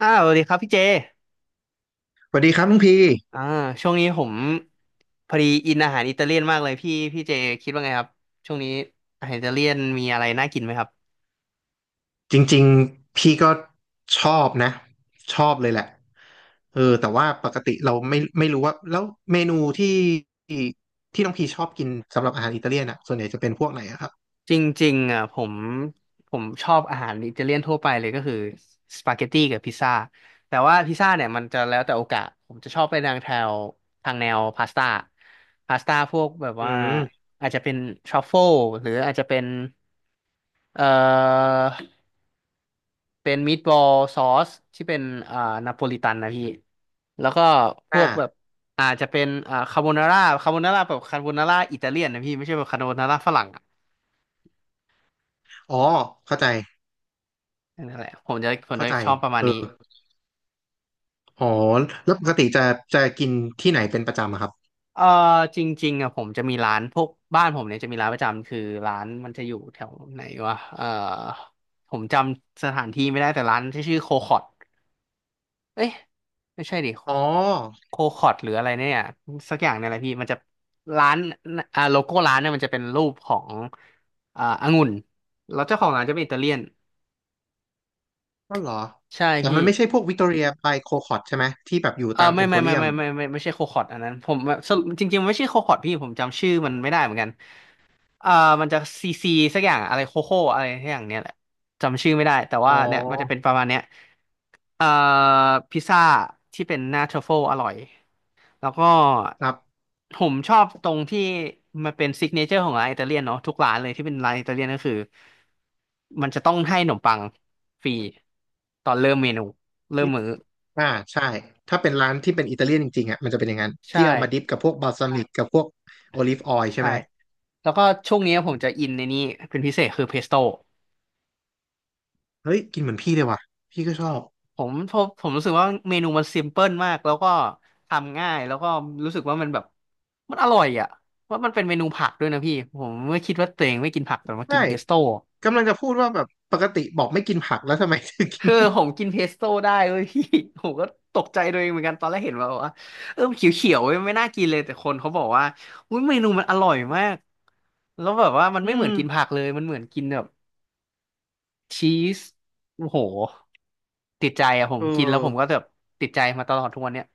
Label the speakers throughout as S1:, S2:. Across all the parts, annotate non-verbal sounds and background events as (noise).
S1: อ้าวสวัสดีครับพี่เจ
S2: สวัสดีครับน้องพี่
S1: อ่าช่วงนี้ผมพอดีอินอาหารอิตาเลียนมากเลยพี่เจคิดว่าไงครับช่วงนี้อาหารอิตาเลียนมีอะไรน่ากินไหมครับ
S2: จริงๆพี่ก็ชอบนะชอบเลยแหละเออแต่ว่าปกติเราไม่รู้ว่าแล้วเมนูที่น้องพี่ชอบกินสำหรับอาหารอิตาเลียนอ่ะส่วนใหญ่จะเป็นพวกไหนอะครับ
S1: จริงๆอ่ะผมชอบอาหารอิตาเลียนทั่วไปเลยก็คือสปาเกตตี้กับพิซซ่าแต่ว่าพิซซ่าเนี่ยมันจะแล้วแต่โอกาสผมจะชอบไปทางแถวทางแนวพาสต้าพวกแบบ
S2: อื
S1: ว่า
S2: ม
S1: อาจจะเป็นทรัฟเฟิลหรืออาจจะเป็นเอ่อ เป็นมีดบอลซอสที่เป็นอ่านาโปลิตันนะพี่แล้วก็พวกแบบ
S2: อ่า
S1: อาจจะเป็นคาโบนาร่าคาโบนาร่าแบบคาโบนาร่าอิตาเลียนนะพี่ไม่ใช่แบบคาโบนาร่าฝรั่งอะ
S2: อ๋อเข้าใจ
S1: นั่นแหละผมจะผม
S2: เข้า
S1: จะ
S2: ใจ
S1: ชอบประมาณ
S2: เออ
S1: นี้
S2: อ๋อแล้วปกติจะจะกินที่ไหนเป็นประจำอะครับ
S1: เอ่อจริงๆอ่ะผมจะมีร้านพวกบ้านผมเนี่ยจะมีร้านประจำคือร้านมันจะอยู่แถวไหนวะผมจำสถานที่ไม่ได้แต่ร้านที่ชื่อโคคอต เอ้ยไม่ใช่ดิ
S2: อ๋อ
S1: โคคอร์ดหรืออะไรเนี่ยสักอย่างเนี่ยแหละพี่มันจะร้านโลโก้ร้านเนี่ยมันจะเป็นรูปขององุ่นแล้วเจ้าของร้านจะเป็นอิตาเลียน
S2: ก็เหรอ
S1: ใช่
S2: แต่
S1: พี่
S2: มันไม่ใช่พวกวิกตอเรียบายโคคอตใช่ไหมที่แบบอยู่
S1: เออ
S2: ตาม
S1: ไม่
S2: เอ็มโพ
S1: ไม่
S2: เรี
S1: ไม่
S2: ยม
S1: ไม่ไม่ไม่ไม่ไม่ใช่โคคอร์ดอันนั้นผมสรุปจริงๆมันไม่ใช่โคคอร์ดพี่ผมจำชื่อมันไม่ได้เหมือนกันเอ่อมันจะซีซีสักอย่างอะไรโคโค่อะไรสักอย่างเนี้ยแหละจำชื่อไม่ได้แต่
S2: อ๋
S1: ว่าเนี่ยมันจะเป็น
S2: อ
S1: ประมาณเนี้ยเอ่อพิซซ่าที่เป็นหน้าทรัฟเฟิลอร่อย แล้วก็
S2: ครับ
S1: ผมชอบตรงที่มันเป็นซิกเนเจอร์ของร้านอิตาเลียนเนาะทุกร้านเลยที่เป็นร้านอิตาเลียนก็คือมันจะต้องให้ขนมปังฟรีตอนเริ่มเมนูเริ่มมื้อ
S2: อ่าใช่ ถ้าเป็นร้านที่เป็นอิตาเลียนจริงๆอ่ะมันจะเป็นอย่างนั้น
S1: ใช่
S2: ที่เอามาดิปกับพวกบาลซามิกกับพวกโอลิฟออยล์ใช่
S1: ใช่
S2: ไหม
S1: แล้วก็ช่วงนี้ผมจะอินในนี้เป็นพิเศษคือเพสโต้
S2: เฮ้ย กินเหมือนพี่เลยว่ะ พี่ก็ชอบ
S1: ผมรู้สึกว่าเมนูมันซิมเพิลมากแล้วก็ทำง่ายแล้วก็รู้สึกว่ามันแบบมันอร่อยอ่ะว่าะมันเป็นเมนูผักด้วยนะพี่ผมไม่คิดว่าตัวเองไม่กินผักแต่ว่า
S2: ใช่
S1: กินเพสโต้
S2: กำลังจะพูดว่าแบบปกติบอกไม่กินผักแล้วทำไมถึงกิน
S1: ผมกินเพสโต้ได้เว้ย (laughs) พี่ (laughs) ผมก็ตกใจตัวเองเหมือนกันตอนแรกเห็นมาบอกว่าเออมันเขียวๆเว้ยไม่น่ากินเลยแต่คนเขาบอกว่าอุ้ยเมนูมันอร่อยมากแล้วแบบว่ามัน
S2: อื
S1: ไม่เห
S2: ม
S1: มือนกินผักเลยมันเหมือนกินแบบชีสโอ้โหติดใจอะผ
S2: เอ
S1: มกินแล้วผมก็
S2: อ
S1: แบบติดใจมาตลอดทุกวันเนี้ย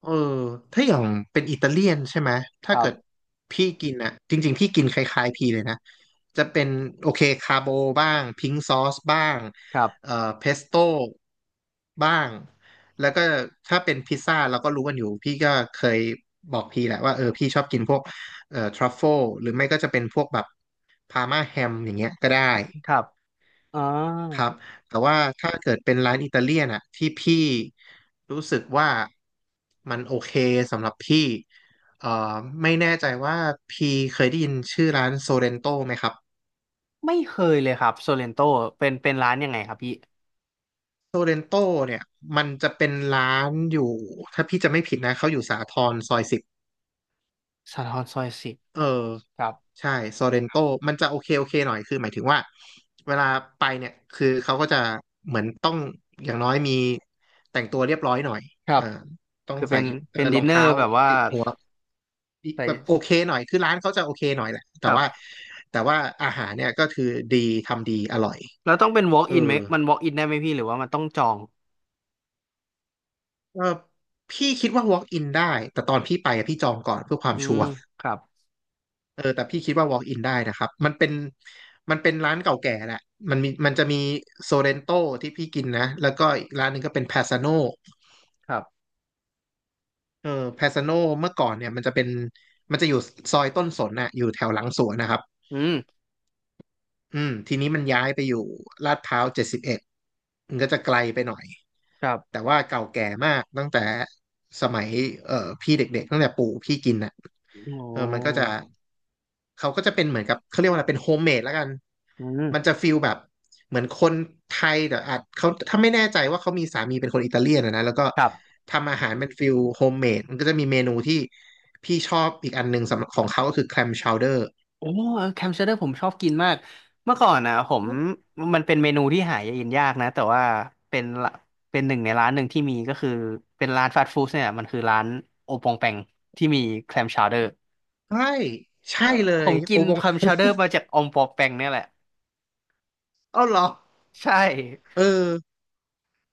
S2: เออถ้าอย่างเป็นอิตาเลียนใช่ไหม
S1: ค
S2: ถ้า
S1: รั
S2: เกิด
S1: บ
S2: พี่กินอะจริงๆพี่กินคล้ายๆพี่เลยนะจะเป็นโอเคคาโบบ้างพิงซอสบ้าง
S1: ครับ
S2: เอ่อเพสโต้บ้างแล้วก็ถ้าเป็นพิซซ่าเราก็รู้กันอยู่พี่ก็เคยบอกพี่แหละว่าเออพี่ชอบกินพวกทรัฟเฟิลหรือไม่ก็จะเป็นพวกแบบพาร์มาแฮมอย่างเงี้ยก็ได้
S1: ครับอ่า
S2: ครับแต่ว่าถ้าเกิดเป็นร้านอิตาเลียนอะที่พี่รู้สึกว่ามันโอเคสำหรับพี่เอ่อไม่แน่ใจว่าพี่เคยได้ยินชื่อร้านโซเรนโตไหมครับ
S1: ไม่เคยเลยครับโซเลนโตเป็นเป็นร้านยังไงครับพี่
S2: โซเรนโตเนี่ยมันจะเป็นร้านอยู่ถ้าพี่จะไม่ผิดนะเขาอยู่สาทรซอยสิบ
S1: สะท้อนซอย 10
S2: เออ
S1: ครับ
S2: ใช่โซเรนโตมันจะโอเคโอเคหน่อยคือหมายถึงว่าเวลาไปเนี่ยคือเขาก็จะเหมือนต้องอย่างน้อยมีแต่งตัวเรียบร้อยหน่อย
S1: ครั
S2: เอ
S1: บ
S2: อต้อง
S1: คือ
S2: ใส่เออ
S1: เป็น
S2: ร
S1: ดิ
S2: อ
S1: น
S2: ง
S1: เนอ
S2: เท้า
S1: ร์แบบว่า
S2: ติดหัว
S1: ใส่
S2: แบบโอเคหน่อยคือร้านเขาจะโอเคหน่อยแหละแต่
S1: ครับ
S2: ว่าแต่ว่าอาหารเนี่ยก็คือดีทำดีอร่อย
S1: แล้วต้องเป็น walk
S2: เออ
S1: in ไหมมัน walk in ได้ไหมพี่หรือว่ามันต้องจอง
S2: ก็พี่คิดว่า walk in ได้แต่ตอนพี่ไปอะพี่จองก่อนเพื่อความ
S1: อื
S2: ชั
S1: ม
S2: วร์
S1: ครับ
S2: เออแต่พี่คิดว่า walk in ได้นะครับมันเป็นมันเป็นร้านเก่าแก่แหละมันมีมันจะมีโซเรนโตที่พี่กินนะแล้วก็อีกร้านหนึ่งก็เป็น p พ s ซ a โน
S1: ครับ
S2: เออแพซาโนเมื่อก่อนเนี่ยมันจะเป็นมันจะอยู่ซอยต้นสนน่ะอยู่แถวหลังสวนนะครับ
S1: อืม
S2: อืมทีนี้มันย้ายไปอยู่ลาดพร้าวเจ็ดสิบเอ็ดมันก็จะไกลไปหน่อย
S1: ครับ
S2: แต่ว่าเก่าแก่มากตั้งแต่สมัยเอ่อพี่เด็กๆตั้งแต่ปู่พี่กินนะ
S1: โอ้
S2: เออมันก็จะเขาก็จะเป็นเหมือนกับเขาเรียกว่าอะไรเป็นโฮมเมดแล้วกัน
S1: อืม
S2: มันจะฟิลแบบเหมือนคนไทยแต่อาจเขาถ้าไม่แน่ใจว่าเขามีสามีเป็นคนอิตาเลียนอะนะแล้วก็
S1: ครับ
S2: ทำอาหารเป็นฟิลโฮมเมดมันก็จะมีเมนูที่พี่ชอบอีกอันหนึ่งสำหรับของเขาก็คือแคลมชาวเดอร์
S1: โอ้แคมเชอร์เดอร์ผมชอบกินมากเมื่อก่อนนะผมมันเป็นเมนูที่หากินยากนะ แต่ว่าเป็นละเป็นหนึ่งในร้านหนึ่งที่มีก็คือเป็นร้านฟาสต์ฟู้ดเนี่ยมันคือร้านโอปองแปงที่มีแคมชาวเดอร์
S2: ใช่ใช่
S1: เอ่อ
S2: เล
S1: ผ
S2: ย
S1: มกิ
S2: โอ
S1: น
S2: บ
S1: แค
S2: ง
S1: มชาวเดอร์มาจากอองปองแปงเนี่ยแหละ
S2: เอ้าเหรอ
S1: ใช่
S2: เออ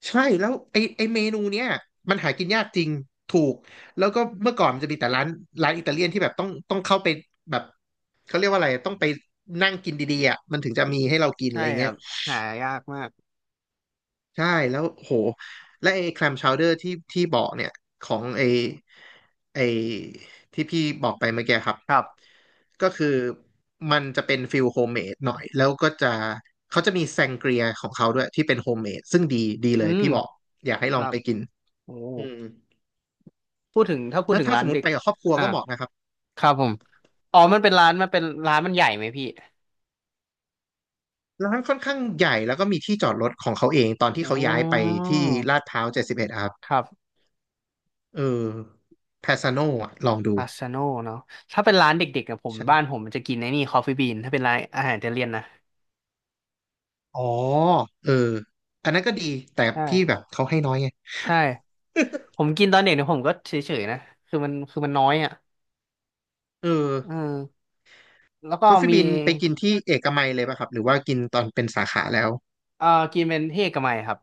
S2: ใช่แล้วไอไอเมนูเนี้ยมันหากินยากจริงถูกแล้วก็เมื่อก่อนมันจะมีแต่ร้านร้านอิตาเลียนที่แบบต้องเข้าไปแบบเขาเรียกว่าอะไรต้องไปนั่งกินดีๆอ่ะมันถึงจะมีให้เรากินอะ
S1: ใช่
S2: ไร
S1: ค
S2: เงี้
S1: รั
S2: ย
S1: บหายากมาก
S2: ใช่แล้วโหและไอแคลมชาวเดอร์ที่ที่บอกเนี่ยของไอไอที่พี่บอกไปเมื่อกี้ครับ
S1: ครับ
S2: ก็คือมันจะเป็นฟิลโฮมเมดหน่อยแล้วก็จะเขาจะมีแซงเกรียของเขาด้วยที่เป็นโฮมเมดซึ่งดีดี
S1: อื
S2: เลย
S1: ม
S2: พี่บอกอยากให้
S1: ค
S2: ลอ
S1: รั
S2: ง
S1: บ
S2: ไปกิน
S1: โอ้
S2: อืม
S1: พูดถึงถ้าพูด
S2: ถ้า
S1: ถึง
S2: ถ้า
S1: ร้า
S2: ส
S1: น
S2: มม
S1: เด็
S2: ติ
S1: ก
S2: ไปกับครอบครัว
S1: อ่ะ
S2: ก็เหมาะนะครับ
S1: ครับผมอ๋อมันเป็นร้านมันใหญ่ไหมพี่
S2: ร้านค่อนข้างใหญ่แล้วก็มีที่จอดรถของเขาเองตอนที่
S1: อ๋
S2: เขาย้ายไป
S1: อ
S2: ที่ลาดพร้าวเจ็ดสิบเอ็ดครับ
S1: ครับ
S2: เออแพสาโนอ่ะลองดู
S1: พาสซาโนเนาะถ้าเป็นร้านเด็กๆกับผมบ้านผ
S2: ใช่
S1: มมันจะกินไอ้นี่คอฟฟี่บีนถ้าเป็นร้านอาหารอิตาเลียนนะ
S2: อ๋อเอออันนั้นก็ดีแต่
S1: ใช่
S2: พี่แบบเขาให้น้อยไง
S1: ใช่
S2: (laughs)
S1: ผมกินตอนเด็กเนี่ยผมก็เฉยๆนะคือมันน้อยอ่ะ
S2: เออ
S1: เออแล้วก็
S2: คอฟฟี่
S1: มี
S2: บินไปกินที่เอกมัยเลยป่ะครับหรือว่ากินตอนเป็นสาขาแล้ว
S1: เอ่อกินเป็นเฮกมัยครับ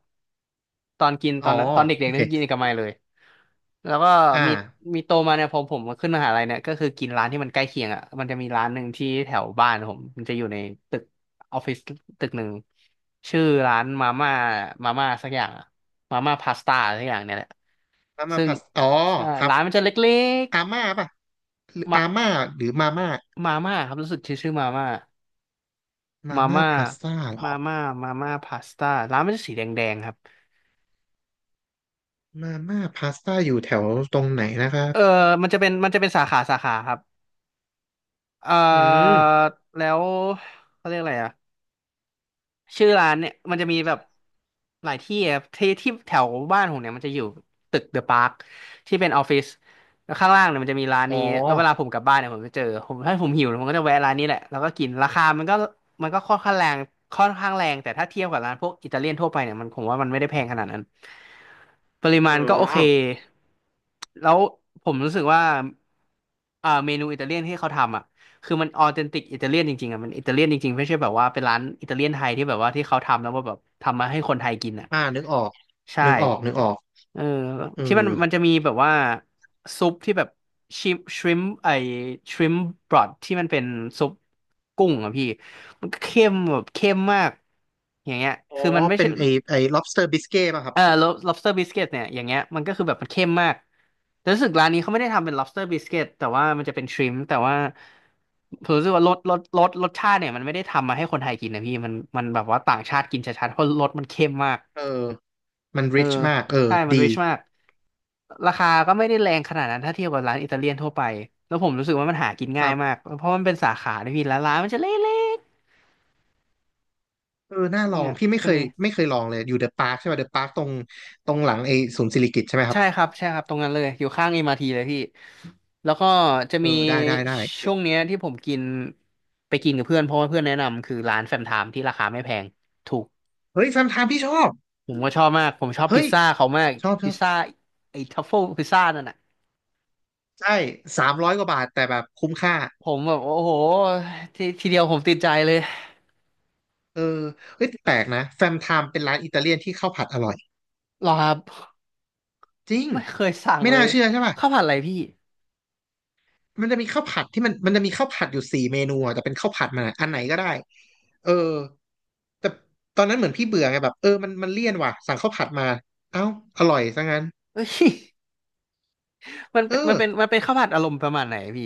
S1: ตอนกิน
S2: อ๋
S1: ต
S2: อ
S1: อนนั้นตอนเด็
S2: โอ
S1: กๆเนี่
S2: เค
S1: ยคือกินเอกมัยเลย แล้วก็
S2: อ่า
S1: มีมีโตมาเนี่ยพอผมมาขึ้นมหาลัยเนี่ยก็คือกินร้านที่มันใกล้เคียงอ่ะมันจะมีร้านหนึ่งที่แถวบ้านผมมันจะอยู่ในตึกออฟฟิศตึกหนึ่งชื่อร้านมาม่ามาม่าสักอย่างอะมาม่าพาสต้าสักอย่างเนี่ยแหละ
S2: มาม่า
S1: ซึ่ง
S2: พาสอ๋อ
S1: ใช่
S2: ครับ
S1: ร้านมันจะเล็ก
S2: อาม่าป่ะหรือ
S1: ๆมา
S2: อาม่าหรือมาม่า
S1: มาม่าครับรู้สึกชื่อ
S2: มา
S1: มา
S2: ม่า
S1: ม่า
S2: พาสต้า
S1: มาม่ามาม่าพาสต้าร้านมันจะสีแดงๆครับ
S2: มาม่าพาสต้าอยู่แถวตรงไหนนะครับ
S1: เออมันจะเป็นสาขาสาขาครับ เอ่
S2: อืม
S1: อแล้วเขาเรียกอะไรอ่ะชื่อร้านเนี่ยมันจะมีแบบหลายที่อะที่ที่แถวบ้านผมเนี่ยมันจะอยู่ตึกเดอะปาร์คที่เป็นออฟฟิศแล้วข้างล่างเนี่ยมันจะมีร้าน
S2: อ๋
S1: นี้แล้วเวลา
S2: อ
S1: ผมกลับบ้านเนี่ยผมจะเจอผมถ้าผมหิวผมก็จะแวะร้านนี้แหละแล้วก็กินราคามันก็ค่อนข้างแรงค่อนข้างแรงแต่ถ้าเทียบกับร้านพวกอิตาเลียนทั่วไปเนี่ยมันผมว่ามันไม่ได้แพงขนาดนั้นปริ
S2: เอ
S1: มาณก็โอเค
S2: อ
S1: แล้วผมรู้สึกว่าเมนูอิตาเลียนที่เขาทำอ่ะ คือมันออเทนติกอิตาเลียนจริงๆอ่ะมันอิตาเลียนจริงๆไม่ใช่แบบว่าเป็นร้านอิตาเลียนไทยที่แบบว่าที่เขาทำแล้วว่าแบบทำมาให้คนไทยกินอ่ะ
S2: อ่านึกออก
S1: ใช่
S2: นึกออก นึกออก
S1: เออ
S2: เออ
S1: ที่มันจะมีแบบว่าซุปที่แบบชิมชริมไอชริมบรอดที่มันเป็นซุปกุ้งอ่ะพี่มันก็เข้มแบบเข้มมากอย่างเงี้ย
S2: อ๋อ
S1: คือมันไม่
S2: เป็
S1: ใช่
S2: นไอไอ lobster biscuit ป่ะครับ
S1: lobster biscuit เนี่ยอย่างเงี้ยมันก็คือแบบมันเข้มมากแต่รู้สึกร้านนี้เขาไม่ได้ทำเป็น lobster biscuit แต่ว่ามันจะเป็น shrimp แต่ว่าผมรู้สึกว่ารสชาติเนี่ยมันไม่ได้ทำมาให้คนไทยกินนะพี่มันแบบว่าต่างชาติกินชัดๆเพราะรสมันเข้มมาก
S2: เออมัน
S1: เออ
S2: rich มากเออ
S1: ใช่มัน
S2: ดี
S1: rich มากราคาก็ไม่ได้แรงขนาดนั้นถ้าเทียบกับร้านอิตาเลียนทั่วไปแล้วผมรู้สึกว่ามันหากิน
S2: ค
S1: ง่า
S2: รั
S1: ยมา
S2: บ
S1: กเพราะมันเป็นสาขาด้วยพี่แล้วร้านมันจะเล็ก
S2: เออน่า
S1: ๆ
S2: ลอ
S1: เนี่
S2: ง
S1: ย
S2: พี่ไม่
S1: จะ
S2: เคย
S1: มี
S2: ไม่เคยลองเลย อยู่เดอะปาร์คใช่ป่ะเดอะปาร์คตรงหลังไอศูนย์สิริกิติ์ใช่ไหมครับ
S1: ใช่ครับใช่ครับตรงนั้นเลยอยู่ข้าง MRT เลยพี่แล้วก็จะ
S2: เออ
S1: มี
S2: ได้ได้ได้เดี๋
S1: ช่
S2: ยว
S1: วงเนี้ยที่ผมกินไปกินกับเพื่อนเพราะว่าเพื่อนแนะนำคือร้านแฟมไทม์ที่ราคาไม่แพงถูก
S2: เฮ้ยแฟมไทม์พี่ชอบ
S1: ผมก็ชอบมากผมชอบพิ
S2: เฮ้
S1: ซ
S2: ย
S1: ซ่าเขามาก
S2: ชอบช
S1: พิ
S2: อ
S1: ซ
S2: บ
S1: ซ่าไอ้ทัฟเฟิลพิซซ่านั่นน่ะ
S2: ใช่ สามร้อยกว่าบาทแต่แบบคุ้มค่า
S1: ผมแบบโอ้โหทีเดียวผมติดใจเลย
S2: เออเฮ้ยแปลกนะแฟมไทม์เป็นร้านอิตาเลียนที่ข้าวผัดอร่อย
S1: หรอครับ
S2: จริง
S1: ไม่เคยสั่ง
S2: ไม่
S1: เล
S2: น่า
S1: ย
S2: เชื่อใช่ป่ะ
S1: ข้าวผัดอะไรพี่
S2: มันจะมีข้าวผัดที่มันมันจะมีข้าวผัดอยู่4เมนูอะแต่เป็นข้าวผัดมันอะอันไหนก็ได้เออแต่ตอนนั้นเหมือนพี่เบื่อไงแบบเออมันเลี่ยนว่ะสั่งข้าวผัดมาเอ้าอร่อยซะงั้น
S1: เอ้ย (laughs) มัน
S2: เอ
S1: เป็นมั
S2: อ
S1: นเป็นมันเป็นข้าวผัดอารมณ์ประมาณไหนพี่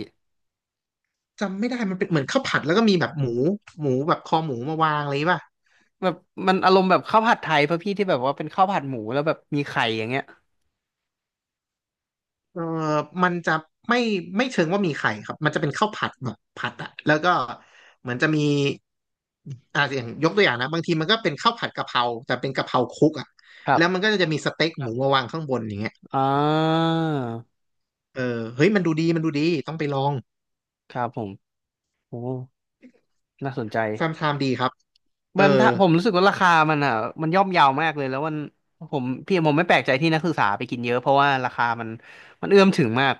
S2: จำไม่ได้มันเป็นเหมือนข้าวผัดแล้วก็มีแบบหมูหมูแบบคอหมูมาวางอะไรป่ะ
S1: แบบมันอารมณ์แบบข้าวผัดไทยป่ะพี่ที่แบบว่าเป็นข้าวผัดหมูแล้วแบบมีไข่อย่างเงี้ย
S2: เออมันจะไม่ไม่เชิงว่ามีไข่ครับ มันจะเป็นข้าวผัดแบบผัดอะแล้วก็เหมือนจะมีอ่าอย่างยกตัวอย่างนะบางทีมันก็เป็นข้าวผัดกะเพราแต่เป็นกะเพราคลุกอะ
S1: ครับ
S2: แล้วมันก็จะมีสเต็กหมูมาวางข้างบนอย่างเงี้ย
S1: อ่า
S2: เออเฮ้ยมันดูดีมันดูดีต้องไปลอง
S1: ครับผมโอ้น่าสนใจ
S2: แฟมไทม์ดีครับเอ
S1: มัน
S2: อ
S1: ถ้าผมรู้สึกว่าราคามันอ่ะมันย่อมเยาวมากเลยแล้วมันผมพี่ผมไม่แปลกใจที่นักศึกษาไปกินเยอะเพราะว่าราคามันเอื้อมถึงมาก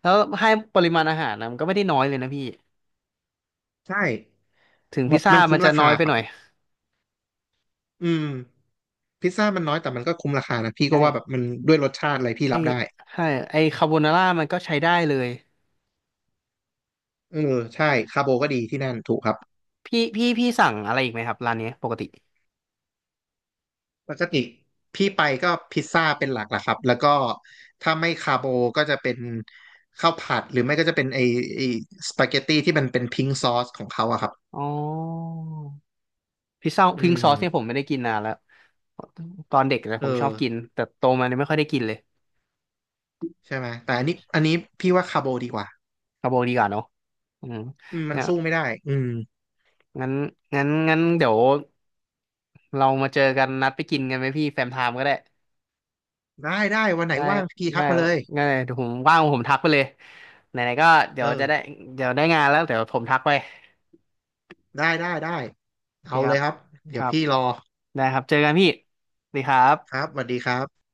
S1: แล้วให้ปริมาณอาหารนะมันก็ไม่ได้น้อยเลยนะพี่
S2: ใช่
S1: ถึง
S2: หม
S1: พิซ
S2: ด
S1: ซ่า
S2: มัน
S1: มั
S2: คุ้ม
S1: นจะ
S2: รา
S1: น้อ
S2: คา
S1: ยไป
S2: ครั
S1: ห
S2: บ
S1: น่อย
S2: อืมพิซซ่ามันน้อยแต่มันก็คุ้มราคานะพี่ก็
S1: ใช่
S2: ว่าแบบมันด้วยรสชาติอะไรพี่
S1: ไอ
S2: รับได้
S1: ใช่ไอคาโบนาร่ามันก็ใช้ได้เลย
S2: เออใช่คาร์โบก็ดีที่นั่นถูกครับ
S1: พี่สั่งอะไรอีกไหมครับร้านเนี้ยปกติ
S2: ปกติพี่ไปก็พิซซ่าเป็นหลักละครับแล้วก็ถ้าไม่คาโบก็จะเป็นข้าวผัดหรือไม่ก็จะเป็นไอไอสปาเกตตี้ที่มันเป็นพิงซอสของเขาอะครับ
S1: อ๋อพิซซ่า
S2: อื
S1: พิง
S2: ม
S1: ซอสเนี่ยผมไม่ได้กินนานแล้ว ตอนเด็กนะ
S2: เอ
S1: ผ
S2: อ
S1: มชอบกินแต่โตมาเนี่ยไม่ค่อยได้กินเลย
S2: ใช่ไหมแต่อันนี้อันนี้พี่ว่าคาโบดีกว่า
S1: เอาบอกดีกว่าเนาะอืม
S2: อืมมัน
S1: เนี่ย
S2: สู้ไม่ได้อืม
S1: งั้นงั้นเดี๋ยวเรามาเจอกันนัดไปกินกันไหมพี่แฟมไทม์ก็ได้
S2: ได้ได้วันไหน
S1: ได้
S2: ว่างพี่ทั
S1: ได้
S2: กมาเลย
S1: ได้เดี๋ยวผมว่างผมทักไปเลยไหนๆก็เดี๋
S2: เอ
S1: ยว
S2: อ
S1: จะได้เดี๋ยวได้งานแล้วเดี๋ยวผมทักไป
S2: ได้ได้ได้
S1: โอเค
S2: เอา
S1: ค
S2: เล
S1: รั
S2: ย
S1: บ
S2: ครับ
S1: ค
S2: เดี๋ยว
S1: รับ
S2: พี่รอ
S1: ได้ครับเจอกันพี่สวัสดีครั
S2: ครับ
S1: บ
S2: สวัสดีครับ